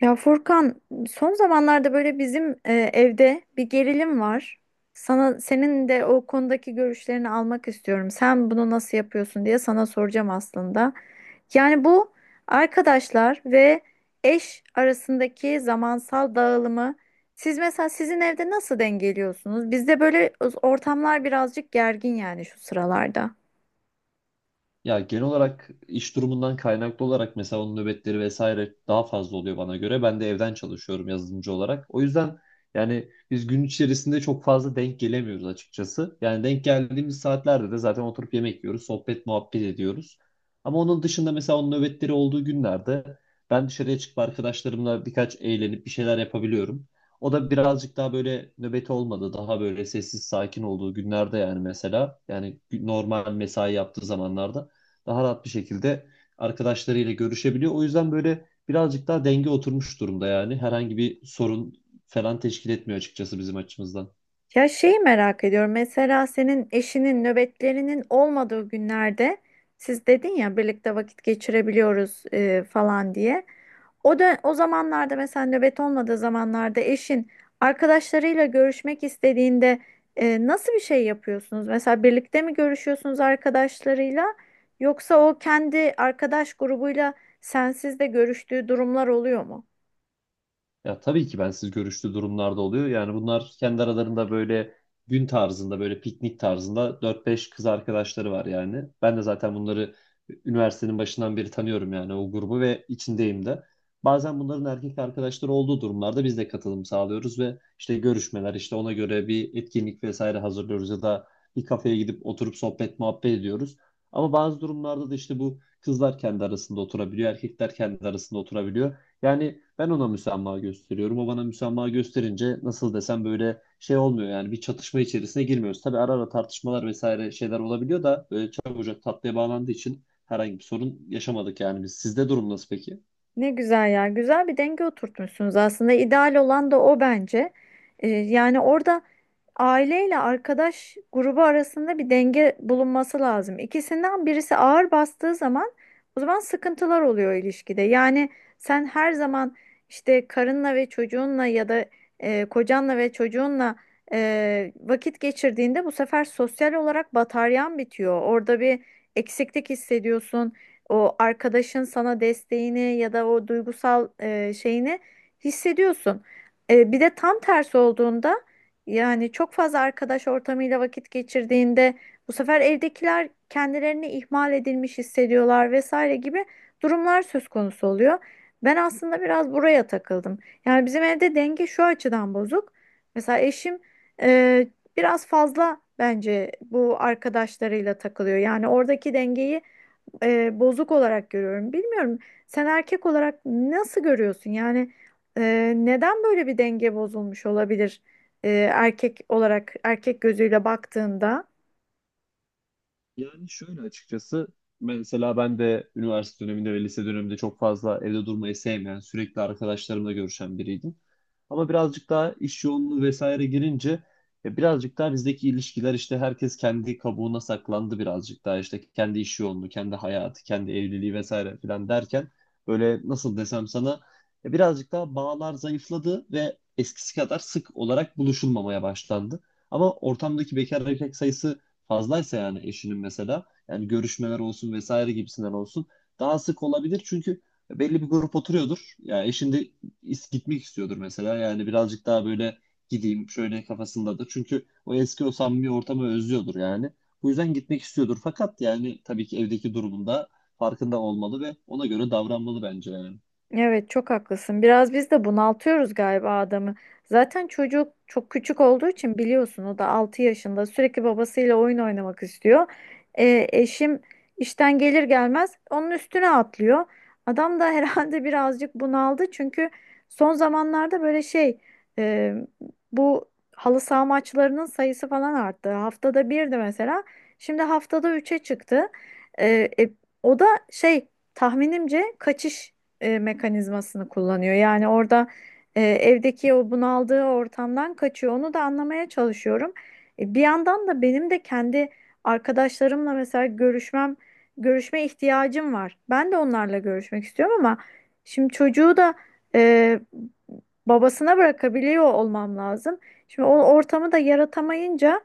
Ya Furkan, son zamanlarda böyle bizim evde bir gerilim var. Sana senin de o konudaki görüşlerini almak istiyorum. Sen bunu nasıl yapıyorsun diye sana soracağım aslında. Yani bu arkadaşlar ve eş arasındaki zamansal dağılımı siz mesela sizin evde nasıl dengeliyorsunuz? Bizde böyle ortamlar birazcık gergin yani şu sıralarda. Ya genel olarak iş durumundan kaynaklı olarak mesela onun nöbetleri vesaire daha fazla oluyor bana göre. Ben de evden çalışıyorum yazılımcı olarak. O yüzden yani biz gün içerisinde çok fazla denk gelemiyoruz açıkçası. Yani denk geldiğimiz saatlerde de zaten oturup yemek yiyoruz, sohbet muhabbet ediyoruz. Ama onun dışında mesela onun nöbetleri olduğu günlerde ben dışarıya çıkıp arkadaşlarımla birkaç eğlenip bir şeyler yapabiliyorum. O da birazcık daha böyle nöbeti olmadı. Daha böyle sessiz sakin olduğu günlerde yani mesela yani normal mesai yaptığı zamanlarda daha rahat bir şekilde arkadaşlarıyla görüşebiliyor. O yüzden böyle birazcık daha denge oturmuş durumda yani. Herhangi bir sorun falan teşkil etmiyor açıkçası bizim açımızdan. Ya şeyi merak ediyorum. Mesela senin eşinin nöbetlerinin olmadığı günlerde siz dedin ya birlikte vakit geçirebiliyoruz falan diye. O da o zamanlarda mesela nöbet olmadığı zamanlarda eşin arkadaşlarıyla görüşmek istediğinde nasıl bir şey yapıyorsunuz? Mesela birlikte mi görüşüyorsunuz arkadaşlarıyla yoksa o kendi arkadaş grubuyla sensiz de görüştüğü durumlar oluyor mu? Ya tabii ki bensiz görüştüğü durumlarda oluyor. Yani bunlar kendi aralarında böyle gün tarzında, böyle piknik tarzında dört beş kız arkadaşları var yani. Ben de zaten bunları üniversitenin başından beri tanıyorum yani, o grubu ve içindeyim de. Bazen bunların erkek arkadaşları olduğu durumlarda biz de katılım sağlıyoruz ve işte görüşmeler, işte ona göre bir etkinlik vesaire hazırlıyoruz ya da bir kafeye gidip oturup sohbet muhabbet ediyoruz. Ama bazı durumlarda da işte bu kızlar kendi arasında oturabiliyor, erkekler kendi arasında oturabiliyor. Yani ben ona müsamaha gösteriyorum. O bana müsamaha gösterince nasıl desem, böyle şey olmuyor yani, bir çatışma içerisine girmiyoruz. Tabii ara ara tartışmalar vesaire şeyler olabiliyor da böyle çabucak tatlıya bağlandığı için herhangi bir sorun yaşamadık yani biz. Sizde durum nasıl peki? Ne güzel ya. Güzel bir denge oturtmuşsunuz aslında. İdeal olan da o bence. Yani orada aileyle arkadaş grubu arasında bir denge bulunması lazım. İkisinden birisi ağır bastığı zaman o zaman sıkıntılar oluyor ilişkide. Yani sen her zaman işte karınla ve çocuğunla ya da kocanla ve çocuğunla vakit geçirdiğinde bu sefer sosyal olarak bataryan bitiyor. Orada bir eksiklik hissediyorsun. O arkadaşın sana desteğini ya da o duygusal şeyini hissediyorsun. Bir de tam tersi olduğunda yani çok fazla arkadaş ortamıyla vakit geçirdiğinde bu sefer evdekiler kendilerini ihmal edilmiş hissediyorlar vesaire gibi durumlar söz konusu oluyor. Ben aslında biraz buraya takıldım. Yani bizim evde denge şu açıdan bozuk. Mesela eşim e, biraz fazla bence bu arkadaşlarıyla takılıyor. Yani oradaki dengeyi bozuk olarak görüyorum. Bilmiyorum sen erkek olarak nasıl görüyorsun? Yani neden böyle bir denge bozulmuş olabilir erkek olarak erkek gözüyle baktığında? Yani şöyle açıkçası, mesela ben de üniversite döneminde ve lise döneminde çok fazla evde durmayı sevmeyen, sürekli arkadaşlarımla görüşen biriydim. Ama birazcık daha iş yoğunluğu vesaire girince birazcık daha bizdeki ilişkiler, işte herkes kendi kabuğuna saklandı, birazcık daha işte kendi iş yoğunluğu, kendi hayatı, kendi evliliği vesaire filan derken böyle nasıl desem sana, birazcık daha bağlar zayıfladı ve eskisi kadar sık olarak buluşulmamaya başlandı. Ama ortamdaki bekar erkek sayısı fazlaysa, yani eşinin mesela yani görüşmeler olsun vesaire gibisinden olsun daha sık olabilir, çünkü belli bir grup oturuyordur. Ya eşin de gitmek istiyordur mesela, yani birazcık daha böyle gideyim şöyle kafasındadır. Çünkü o eski, o samimi ortamı özlüyordur yani. Bu yüzden gitmek istiyordur, fakat yani tabii ki evdeki durumunda farkında olmalı ve ona göre davranmalı bence yani. Evet çok haklısın. Biraz biz de bunaltıyoruz galiba adamı. Zaten çocuk çok küçük olduğu için biliyorsun o da 6 yaşında sürekli babasıyla oyun oynamak istiyor. Eşim işten gelir gelmez onun üstüne atlıyor. Adam da herhalde birazcık bunaldı çünkü son zamanlarda e, bu halı saha maçlarının sayısı falan arttı. Haftada 1'di mesela. Şimdi haftada 3'e çıktı. Ee, e, O da şey tahminimce kaçış mekanizmasını kullanıyor. Yani orada evdeki o bunaldığı ortamdan kaçıyor. Onu da anlamaya çalışıyorum. Bir yandan da benim de kendi arkadaşlarımla mesela görüşme ihtiyacım var. Ben de onlarla görüşmek istiyorum ama şimdi çocuğu da e, babasına bırakabiliyor olmam lazım. Şimdi o ortamı da yaratamayınca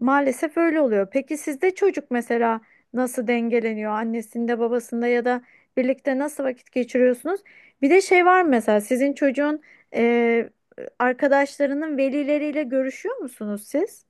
maalesef öyle oluyor. Peki sizde çocuk mesela nasıl dengeleniyor? Annesinde, babasında ya da birlikte nasıl vakit geçiriyorsunuz? Bir de şey var mı mesela sizin çocuğun e, arkadaşlarının velileriyle görüşüyor musunuz siz?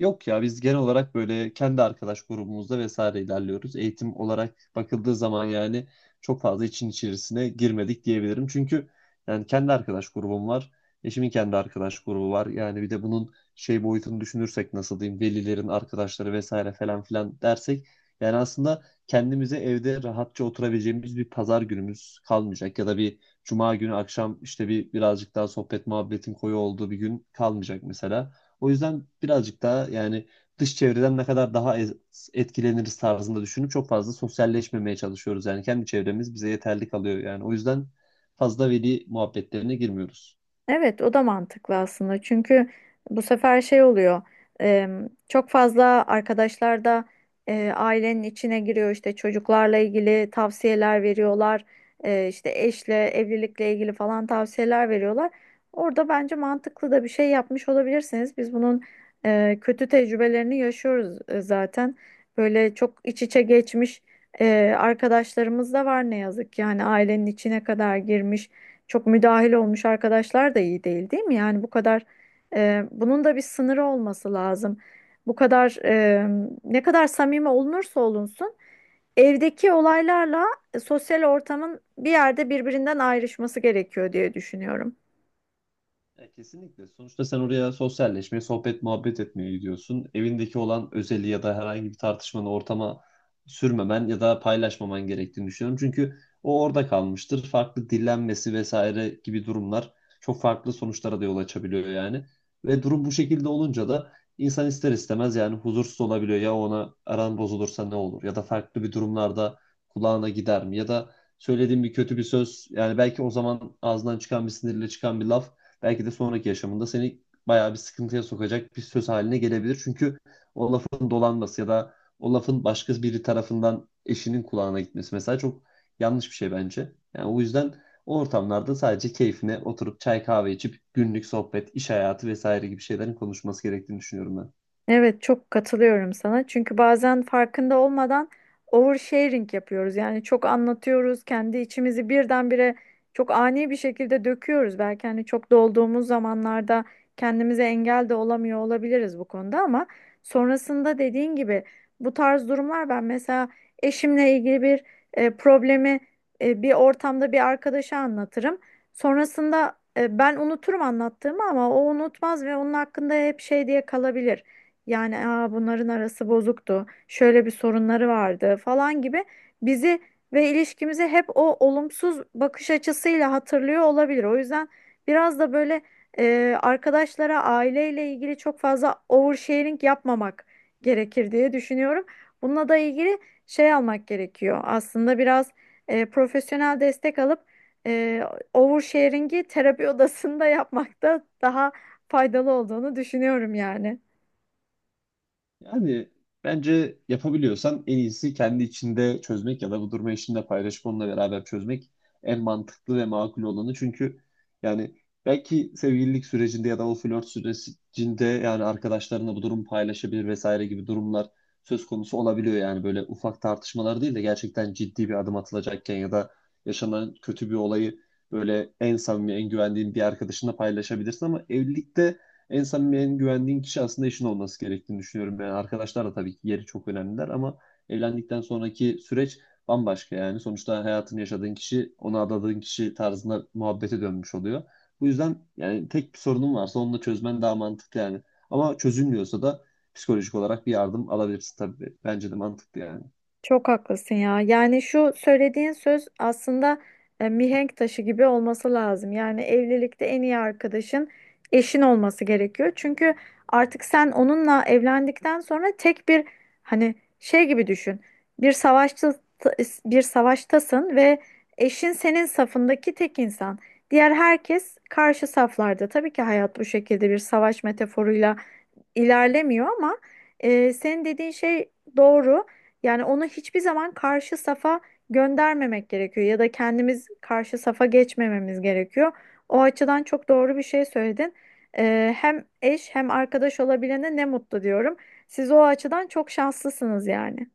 Yok ya, biz genel olarak böyle kendi arkadaş grubumuzda vesaire ilerliyoruz. Eğitim olarak bakıldığı zaman yani çok fazla için içerisine girmedik diyebilirim. Çünkü yani kendi arkadaş grubum var. Eşimin kendi arkadaş grubu var. Yani bir de bunun şey boyutunu düşünürsek, nasıl diyeyim, velilerin arkadaşları vesaire falan filan dersek yani aslında kendimize evde rahatça oturabileceğimiz bir pazar günümüz kalmayacak ya da bir cuma günü akşam işte bir birazcık daha sohbet muhabbetin koyu olduğu bir gün kalmayacak mesela. O yüzden birazcık daha yani dış çevreden ne kadar daha etkileniriz tarzında düşünüp çok fazla sosyalleşmemeye çalışıyoruz. Yani kendi çevremiz bize yeterli kalıyor. Yani o yüzden fazla veli muhabbetlerine girmiyoruz. Evet, o da mantıklı aslında. Çünkü bu sefer şey oluyor. e, Çok fazla arkadaşlar da ailenin içine giriyor. İşte, çocuklarla ilgili tavsiyeler veriyorlar. İşte eşle, evlilikle ilgili falan tavsiyeler veriyorlar. Orada bence mantıklı da bir şey yapmış olabilirsiniz. Biz bunun kötü tecrübelerini yaşıyoruz zaten. Böyle çok iç içe geçmiş arkadaşlarımız da var ne yazık ki. Yani ailenin içine kadar girmiş çok müdahil olmuş arkadaşlar da iyi değil, değil mi? Yani bu kadar bunun da bir sınırı olması lazım. Bu kadar ne kadar samimi olunursa olunsun evdeki olaylarla sosyal ortamın bir yerde birbirinden ayrışması gerekiyor diye düşünüyorum. Ya kesinlikle. Sonuçta sen oraya sosyalleşmeye, sohbet, muhabbet etmeye gidiyorsun. Evindeki olan özeli ya da herhangi bir tartışmanı ortama sürmemen ya da paylaşmaman gerektiğini düşünüyorum. Çünkü o orada kalmıştır. Farklı dillenmesi vesaire gibi durumlar çok farklı sonuçlara da yol açabiliyor yani. Ve durum bu şekilde olunca da insan ister istemez yani huzursuz olabiliyor. Ya ona aran bozulursa ne olur? Ya da farklı bir durumlarda kulağına gider mi? Ya da söylediğim bir kötü bir söz, yani belki o zaman ağzından çıkan bir sinirle çıkan bir laf belki de sonraki yaşamında seni bayağı bir sıkıntıya sokacak bir söz haline gelebilir. Çünkü o lafın dolanması ya da o lafın başka biri tarafından eşinin kulağına gitmesi mesela çok yanlış bir şey bence. Yani o yüzden o ortamlarda sadece keyfine oturup çay kahve içip günlük sohbet, iş hayatı vesaire gibi şeylerin konuşması gerektiğini düşünüyorum ben. Evet çok katılıyorum sana. Çünkü bazen farkında olmadan oversharing yapıyoruz. Yani çok anlatıyoruz, kendi içimizi birdenbire çok ani bir şekilde döküyoruz. Belki hani çok dolduğumuz zamanlarda kendimize engel de olamıyor olabiliriz bu konuda ama sonrasında dediğin gibi bu tarz durumlar ben mesela eşimle ilgili bir problemi bir ortamda bir arkadaşa anlatırım. Sonrasında ben unuturum anlattığımı ama o unutmaz ve onun hakkında hep şey diye kalabilir. Yani Aa, bunların arası bozuktu. Şöyle bir sorunları vardı falan gibi bizi ve ilişkimizi hep o olumsuz bakış açısıyla hatırlıyor olabilir. O yüzden biraz da böyle arkadaşlara aileyle ilgili çok fazla oversharing yapmamak gerekir diye düşünüyorum. Bununla da ilgili şey almak gerekiyor. Aslında biraz profesyonel destek alıp e, oversharing'i terapi odasında yapmak da daha faydalı olduğunu düşünüyorum yani. Yani bence yapabiliyorsan en iyisi kendi içinde çözmek ya da bu durumu eşinle paylaşıp onunla beraber çözmek en mantıklı ve makul olanı. Çünkü yani belki sevgililik sürecinde ya da o flört sürecinde yani arkadaşlarına bu durumu paylaşabilir vesaire gibi durumlar söz konusu olabiliyor. Yani böyle ufak tartışmalar değil de gerçekten ciddi bir adım atılacakken ya da yaşanan kötü bir olayı böyle en samimi, en güvendiğin bir arkadaşınla paylaşabilirsin, ama evlilikte en samimi, en güvendiğin kişi aslında eşin olması gerektiğini düşünüyorum. Yani arkadaşlar da tabii ki yeri çok önemliler, ama evlendikten sonraki süreç bambaşka yani. Sonuçta hayatını yaşadığın kişi, ona adadığın kişi tarzında muhabbete dönmüş oluyor. Bu yüzden yani tek bir sorunun varsa onu da çözmen daha mantıklı yani. Ama çözülmüyorsa da psikolojik olarak bir yardım alabilirsin tabii. Bence de mantıklı yani. Çok haklısın ya. Yani şu söylediğin söz aslında mihenk taşı gibi olması lazım. Yani evlilikte en iyi arkadaşın eşin olması gerekiyor. Çünkü artık sen onunla evlendikten sonra tek bir hani şey gibi düşün. Bir savaşta Bir savaştasın ve eşin senin safındaki tek insan. Diğer herkes karşı saflarda. Tabii ki hayat bu şekilde bir savaş metaforuyla ilerlemiyor ama senin dediğin şey doğru. Yani onu hiçbir zaman karşı safa göndermemek gerekiyor ya da kendimiz karşı safa geçmememiz gerekiyor. O açıdan çok doğru bir şey söyledin. E, hem eş hem arkadaş olabilene ne mutlu diyorum. Siz o açıdan çok şanslısınız yani.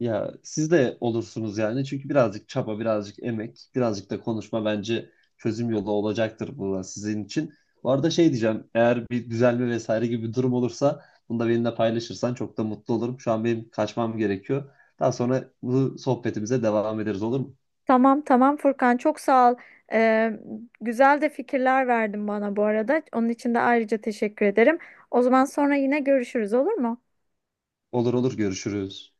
Ya siz de olursunuz yani. Çünkü birazcık çaba, birazcık emek, birazcık da konuşma bence çözüm yolu olacaktır bu da sizin için. Bu arada şey diyeceğim. Eğer bir düzelme vesaire gibi bir durum olursa bunu da benimle paylaşırsan çok da mutlu olurum. Şu an benim kaçmam gerekiyor. Daha sonra bu sohbetimize devam ederiz, olur mu? Tamam, Furkan çok sağ ol. Ee, Güzel de fikirler verdin bana bu arada. Onun için de ayrıca teşekkür ederim. O zaman sonra yine görüşürüz olur mu? Olur olur, görüşürüz.